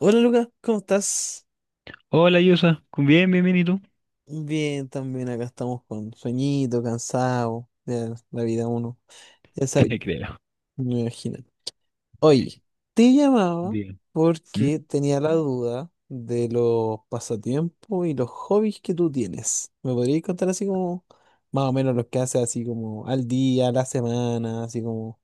Hola Lucas, ¿cómo estás? Hola, Yusa, Bien, bien, bien, ¿y tú? Bien, también acá estamos con sueñito, cansado de la vida uno. Ya sabía, Te creo. me imagino. Oye, te llamaba Bien. ¿Mm? porque tenía la duda de los pasatiempos y los hobbies que tú tienes. ¿Me podrías contar así como más o menos los que haces así como al día, a la semana, así como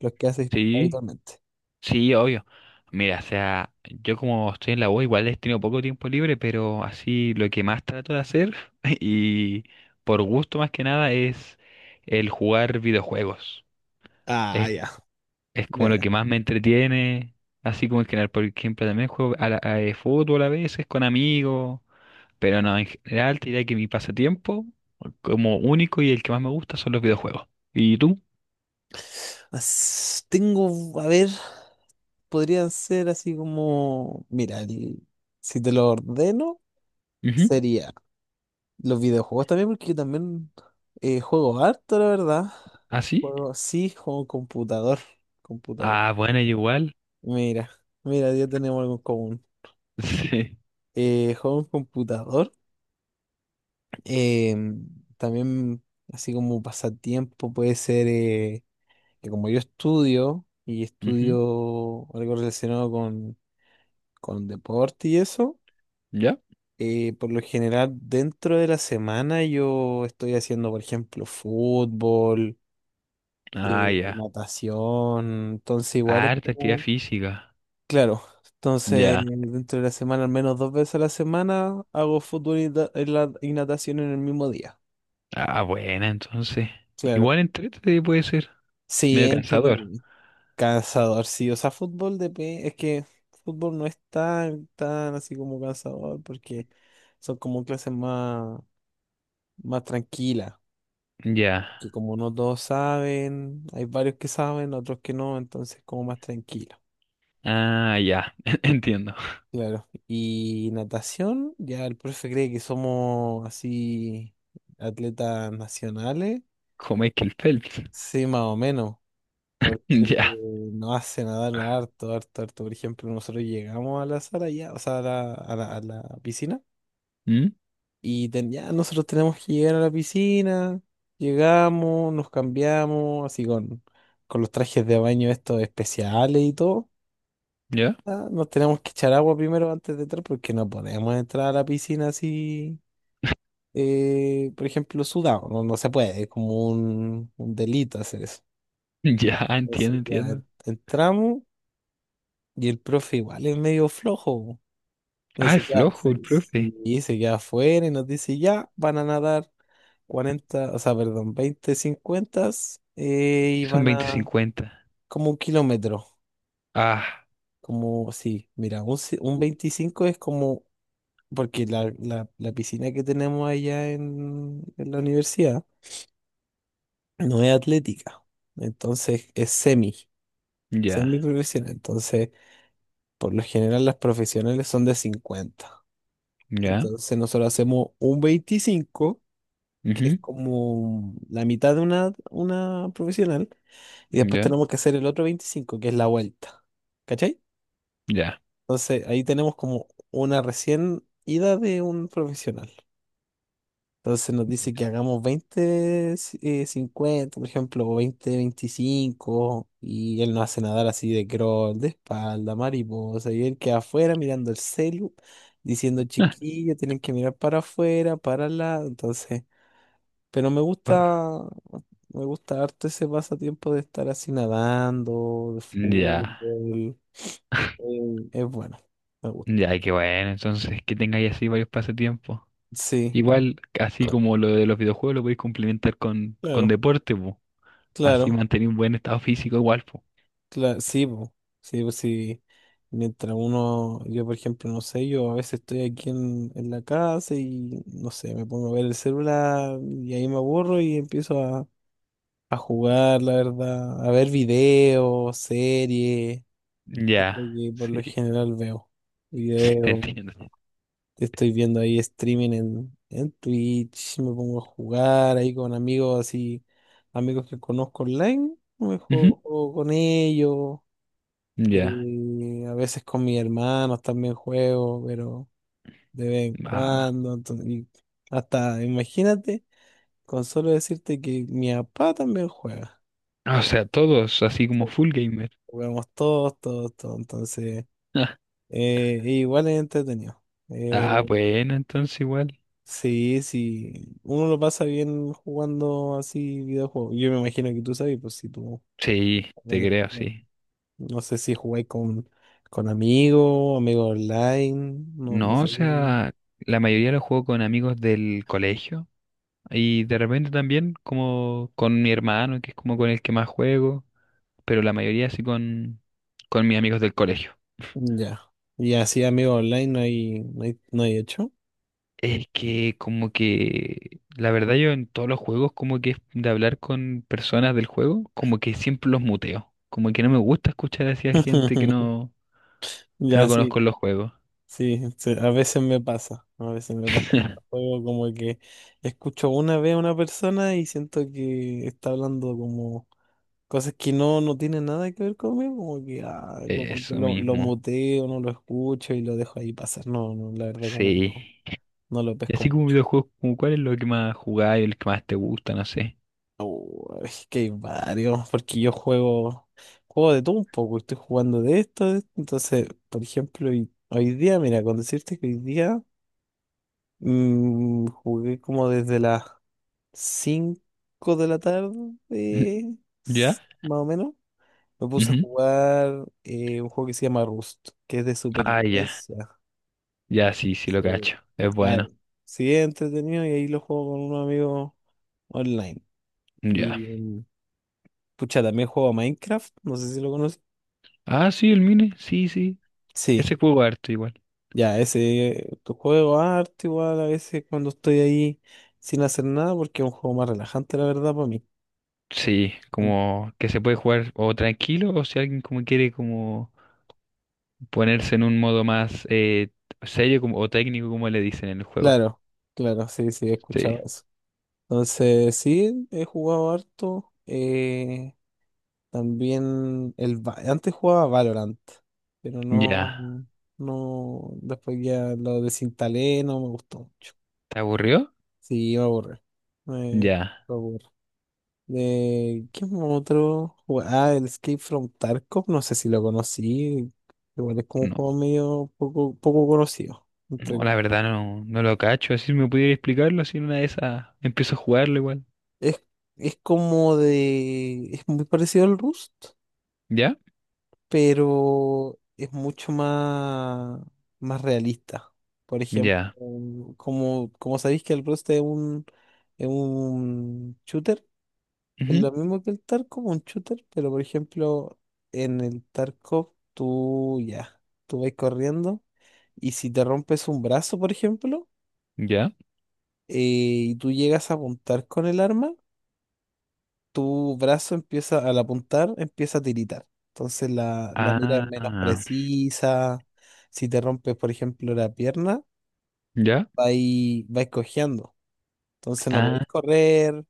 los que haces Sí, habitualmente? sí, obvio. Mira, o sea, yo como estoy en la U, igual he tenido poco tiempo libre, pero así lo que más trato de hacer, y por gusto más que nada, es el jugar videojuegos. Ah, Es, ya. es Ya, como lo ya. que más me entretiene, así como en general, por ejemplo, también juego a fútbol a veces con amigos, pero no, en general te diría que mi pasatiempo como único y el que más me gusta son los videojuegos. ¿Y tú? Tengo, a ver. Podrían ser así como, mira, si te lo ordeno, Ujú. sería los videojuegos también, porque yo también juego harto, la verdad. ¿Ah, sí? Juego, sí, juego computador. Ah, bueno, igual. Mira, mira, ya tenemos algo en común. Sí. Juego en computador. eh, También, así como pasatiempo, puede ser que como yo estudio y Ujú. estudio algo relacionado con deporte y eso. ¿Ya? Por lo general, dentro de la semana yo estoy haciendo, por ejemplo, fútbol, Ah, ya. natación, entonces igual es Harta actividad como... física. Claro, entonces Ya. dentro de la semana, al menos dos veces a la semana, hago fútbol y natación en el mismo día. Ah, buena, entonces. Claro. Igual entrete puede ser. Sí, Medio cansador. entretenido. Cansador, sí, o sea, es que fútbol no es tan, tan así como cansador porque son como clases más tranquilas. Ya. Que como no todos saben, hay varios que saben, otros que no, entonces como más tranquilo. Ah, ya. Entiendo. Claro. Y natación, ya el profe cree que somos así atletas nacionales. Como Michael Phelps. Sí, más o menos, porque Ya. nos hace nadar harto, harto, harto. Por ejemplo, nosotros llegamos a la sala ya, o sea, a la piscina, ¿Mm? y ya nosotros tenemos que llegar a la piscina, llegamos, nos cambiamos, así con los trajes de baño estos especiales y todo. ¿Ya? Ah, nos tenemos que echar agua primero antes de entrar porque no podemos entrar a la piscina así, por ejemplo, sudado. No, no se puede, es como un delito hacer eso. Ya, entiendo, Entonces ya entiendo. entramos y el profe igual es medio flojo. Y Ah, se es queda, flojo el se- profe. sí, y se queda afuera y nos dice, ya, van a nadar 40, o sea, perdón, 20, 50, y Que son van veinte a cincuenta como un kilómetro. Ah. Como, sí, mira, un 25, es como porque la piscina que tenemos allá en la universidad no es atlética, entonces es semi Ya. profesional. Entonces, por lo general, las profesionales son de 50. Y Ya. entonces, nosotros hacemos un 25 que es Ujú. como la mitad de una profesional, y después Ya. tenemos que hacer el otro 25 que es la vuelta. ¿Cachai? Ya. Entonces, ahí tenemos como una recién ida de un profesional. Entonces nos dice que hagamos 50, por ejemplo, o 20, 25, y él nos hace nadar así de crawl, de espalda, mariposa, y él queda afuera mirando el celu, diciendo chiquillo, tienen que mirar para afuera, para al lado, entonces, pero me gusta harto ese pasatiempo de estar así nadando, de Ya. fútbol, es bueno, me gusta. Ya, qué bueno, entonces que tengáis así varios pasatiempos. Sí, Igual, así como lo de los videojuegos, lo podéis complementar con claro, deporte, po. Así claro. mantener un buen estado físico igual, po. Sí, po. Sí, pues sí. Mientras uno, yo por ejemplo, no sé, yo a veces estoy aquí en la casa y no sé, me pongo a ver el celular y ahí me aburro y empiezo a jugar, la verdad, a ver videos, series, es Ya, lo que por lo sí, general veo. sí, te Videos, entiendo. estoy viendo ahí streaming en Twitch, me pongo a jugar ahí con amigos así, amigos que conozco online, me Ujú, juego con ellos. ya, Y a veces con mis hermanos también juego, pero de vez en ah, cuando. Y hasta, imagínate, con solo decirte que mi papá también juega. o sea, todos, así como full gamer. Jugamos todos, todos, todos. Entonces, igual es entretenido. Eh, Ah, bueno, entonces igual. sí, sí. Uno lo pasa bien jugando así videojuegos. Yo me imagino que tú sabes, pues si tú Sí, también, te creo, eres- sí. no sé si jugáis con amigos, amigos online, no, no No, o sé. sea, la mayoría lo juego con amigos del colegio y de repente también como con mi hermano, que es como con el que más juego. Pero la mayoría sí con mis amigos del colegio. Ya. Y así, amigo online, no hay, no hay, no hay hecho. Es que como que, la verdad yo en todos los juegos como que es de hablar con personas del juego, como que siempre los muteo. Como que no me gusta escuchar así a gente que no Ya, conozco sí, en los juegos. sí, sí, a veces me pasa, a veces me pasa con los juegos, como que escucho una vez a una persona y siento que está hablando como cosas que no, no tienen nada que ver conmigo, como que, ah, como que Eso lo mismo, muteo, no lo escucho y lo dejo ahí pasar. No, no, la verdad como que sí. no, no lo Y pesco así como mucho. videojuegos, como cuál es lo que más jugáis, el que más te gusta, no sé. Oh, es que hay varios, porque yo juego de todo un poco, estoy jugando de esto, de entonces, por ejemplo, hoy, hoy día, mira, con decirte que hoy día jugué como desde las 5 de la tarde, eh, ¿Ya? Más o menos, me puse a Ujú. jugar un juego que se llama Rust, que es de Ah, ya. supervivencia. Ya, sí, sí Sí, lo cacho. Es ay, bueno. sí, es entretenido y ahí lo juego con un amigo online. Y, Ya. Pucha, también juego a Minecraft, no sé si lo conoces. Ah, sí, el Mine, sí, sí. Sí, Ese juego harto igual. ya, ese tu juego arte igual a veces cuando estoy ahí sin hacer nada, porque es un juego más relajante, la verdad, para mí. Sí, An- como que se puede jugar o tranquilo o si alguien como quiere como ponerse en un modo más serio como, o técnico como le dicen en el juego. Claro, claro, sí, sí, he Sí, escuchado eso. Entonces, sí, he jugado harto. También el antes jugaba Valorant, pero ya. no, no, después ya lo desinstalé, no me gustó mucho. ¿Te aburrió? Sí, me aburre. Me, Ya. me aburre. De ¿qué otro? Ah, el Escape from Tarkov, no sé si lo conocí. Igual es como un No, juego medio poco, poco conocido. Entre no, com- la verdad no, no lo cacho. Así me pudiera explicarlo, así en una de esas empiezo a jugarlo igual. es, es como de. Es muy parecido al Rust, ¿Ya? pero es mucho más realista. Por ejemplo, Ya. como, como sabéis que el Rust es un shooter, es Ujú, lo mismo que el Tarkov, un shooter, pero por ejemplo, en el Tarkov tú ya, tú vas corriendo y si te rompes un brazo, por ejemplo, ya. Y tú llegas a apuntar con el arma, tu brazo empieza, al apuntar, empieza a tiritar. Entonces la mira es menos Ah, precisa. Si te rompes, por ejemplo, la pierna, ya. vais cojeando. Entonces no Ah, podéis correr,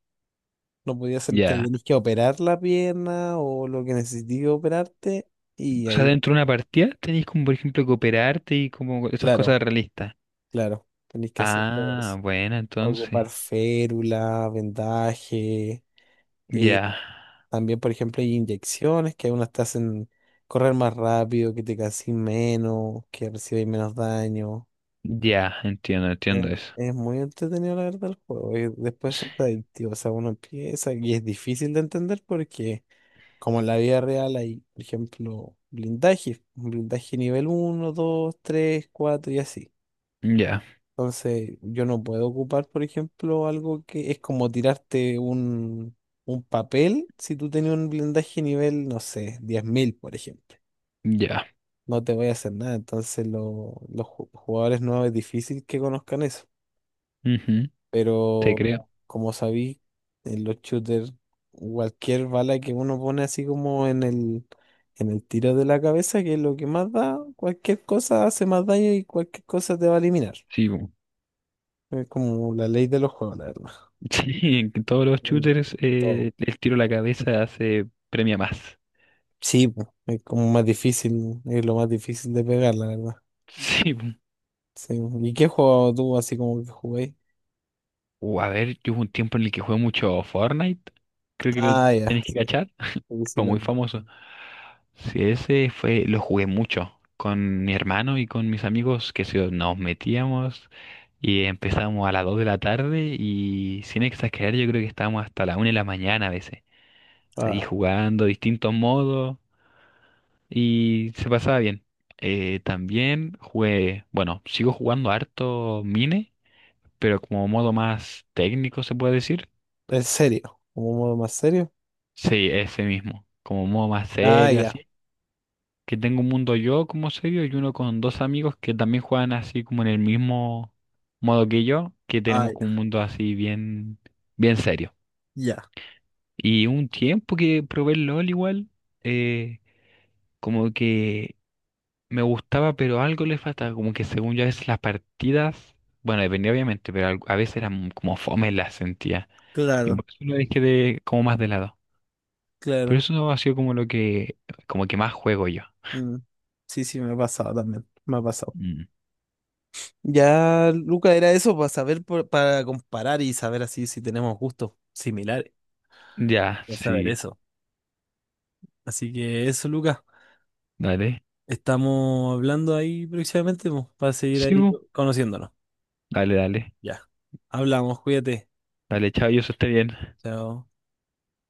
no podías, te ya. tenías que operar la pierna o lo que necesites operarte. Y O sea, ahí, dentro de una partida tenéis como, por ejemplo, cooperarte y como esas claro, cosas realistas. claro, tenés que hacer todo eso. Ah, bueno, entonces. Ocupar férula, vendaje. eh, Ya, También, por ejemplo, hay inyecciones que algunas te hacen correr más rápido, que te casís menos, que recibes menos daño. ya, entiendo, Eh, entiendo eso. es muy entretenido, la verdad, el juego. Y después es adictivo. O sea, uno empieza y es difícil de entender porque como en la vida real hay, por ejemplo, blindaje, un blindaje nivel uno 2 3 4 y así. Ya, Entonces, yo no puedo ocupar, por ejemplo, algo que es como tirarte un papel si tú tenías un blindaje nivel, no sé, 10.000 por ejemplo. ya. No te voy a hacer nada. Entonces, los jugadores nuevos es difícil que conozcan eso. Ujú, te Pero creo. Como sabí, en los shooters, cualquier bala que uno pone así como en el tiro de la cabeza, que es lo que más da, cualquier cosa hace más daño y cualquier cosa te va a eliminar. Sí, bu. Es como la ley de los juegos, la verdad. Sí, en todos los Mm, shooters todo. El tiro a la cabeza se premia más. Sí, po, es como más difícil, es lo más difícil de pegar, la verdad. Sí, bu. Sí. ¿Y qué juego tú así como que jugué? A ver, yo hubo un tiempo en el que jugué mucho Fortnite. Creo que lo Ah, ya, tenéis que sí, cachar. sí, sí, Fue lo muy conozco. famoso. Sí, ese fue, lo jugué mucho con mi hermano y con mis amigos que nos metíamos y empezamos a las 2 de la tarde y sin exagerar yo creo que estábamos hasta la 1 de la mañana a veces. Ahí Ah, jugando distintos modos y se pasaba bien. También jugué, bueno, sigo jugando harto Mine, pero como modo más técnico se puede decir. ¿en serio? ¿Como modo más serio? Sí, ese mismo, como modo más Ah, serio, ya, así. Que tengo un mundo yo como serio y uno con dos amigos que también juegan así como en el mismo modo que yo, que ah, tenemos ya, como un mundo así bien, bien serio. ya, Y un tiempo que probé el LOL igual, eh, como que me gustaba, pero algo le faltaba, como que según yo a veces las partidas, bueno, dependía obviamente, pero a veces eran como fome las sentía. Y claro. por eso lo dejé de, como más de lado. Pero Claro. eso no ha sido como lo que, como que más juego yo. Mm. Sí, sí, me ha pasado también. Me ha pasado. Mm. Ya, Luca, era eso para saber, para comparar y saber así si tenemos gustos similares. Ya, Para saber sí, eso. Así que eso, Luca. dale. Estamos hablando ahí próximamente, po, para seguir Sí, ahí bu. conociéndonos. Dale, dale. Ya. Hablamos, cuídate. Dale, chao, yo eso esté bien. Chao.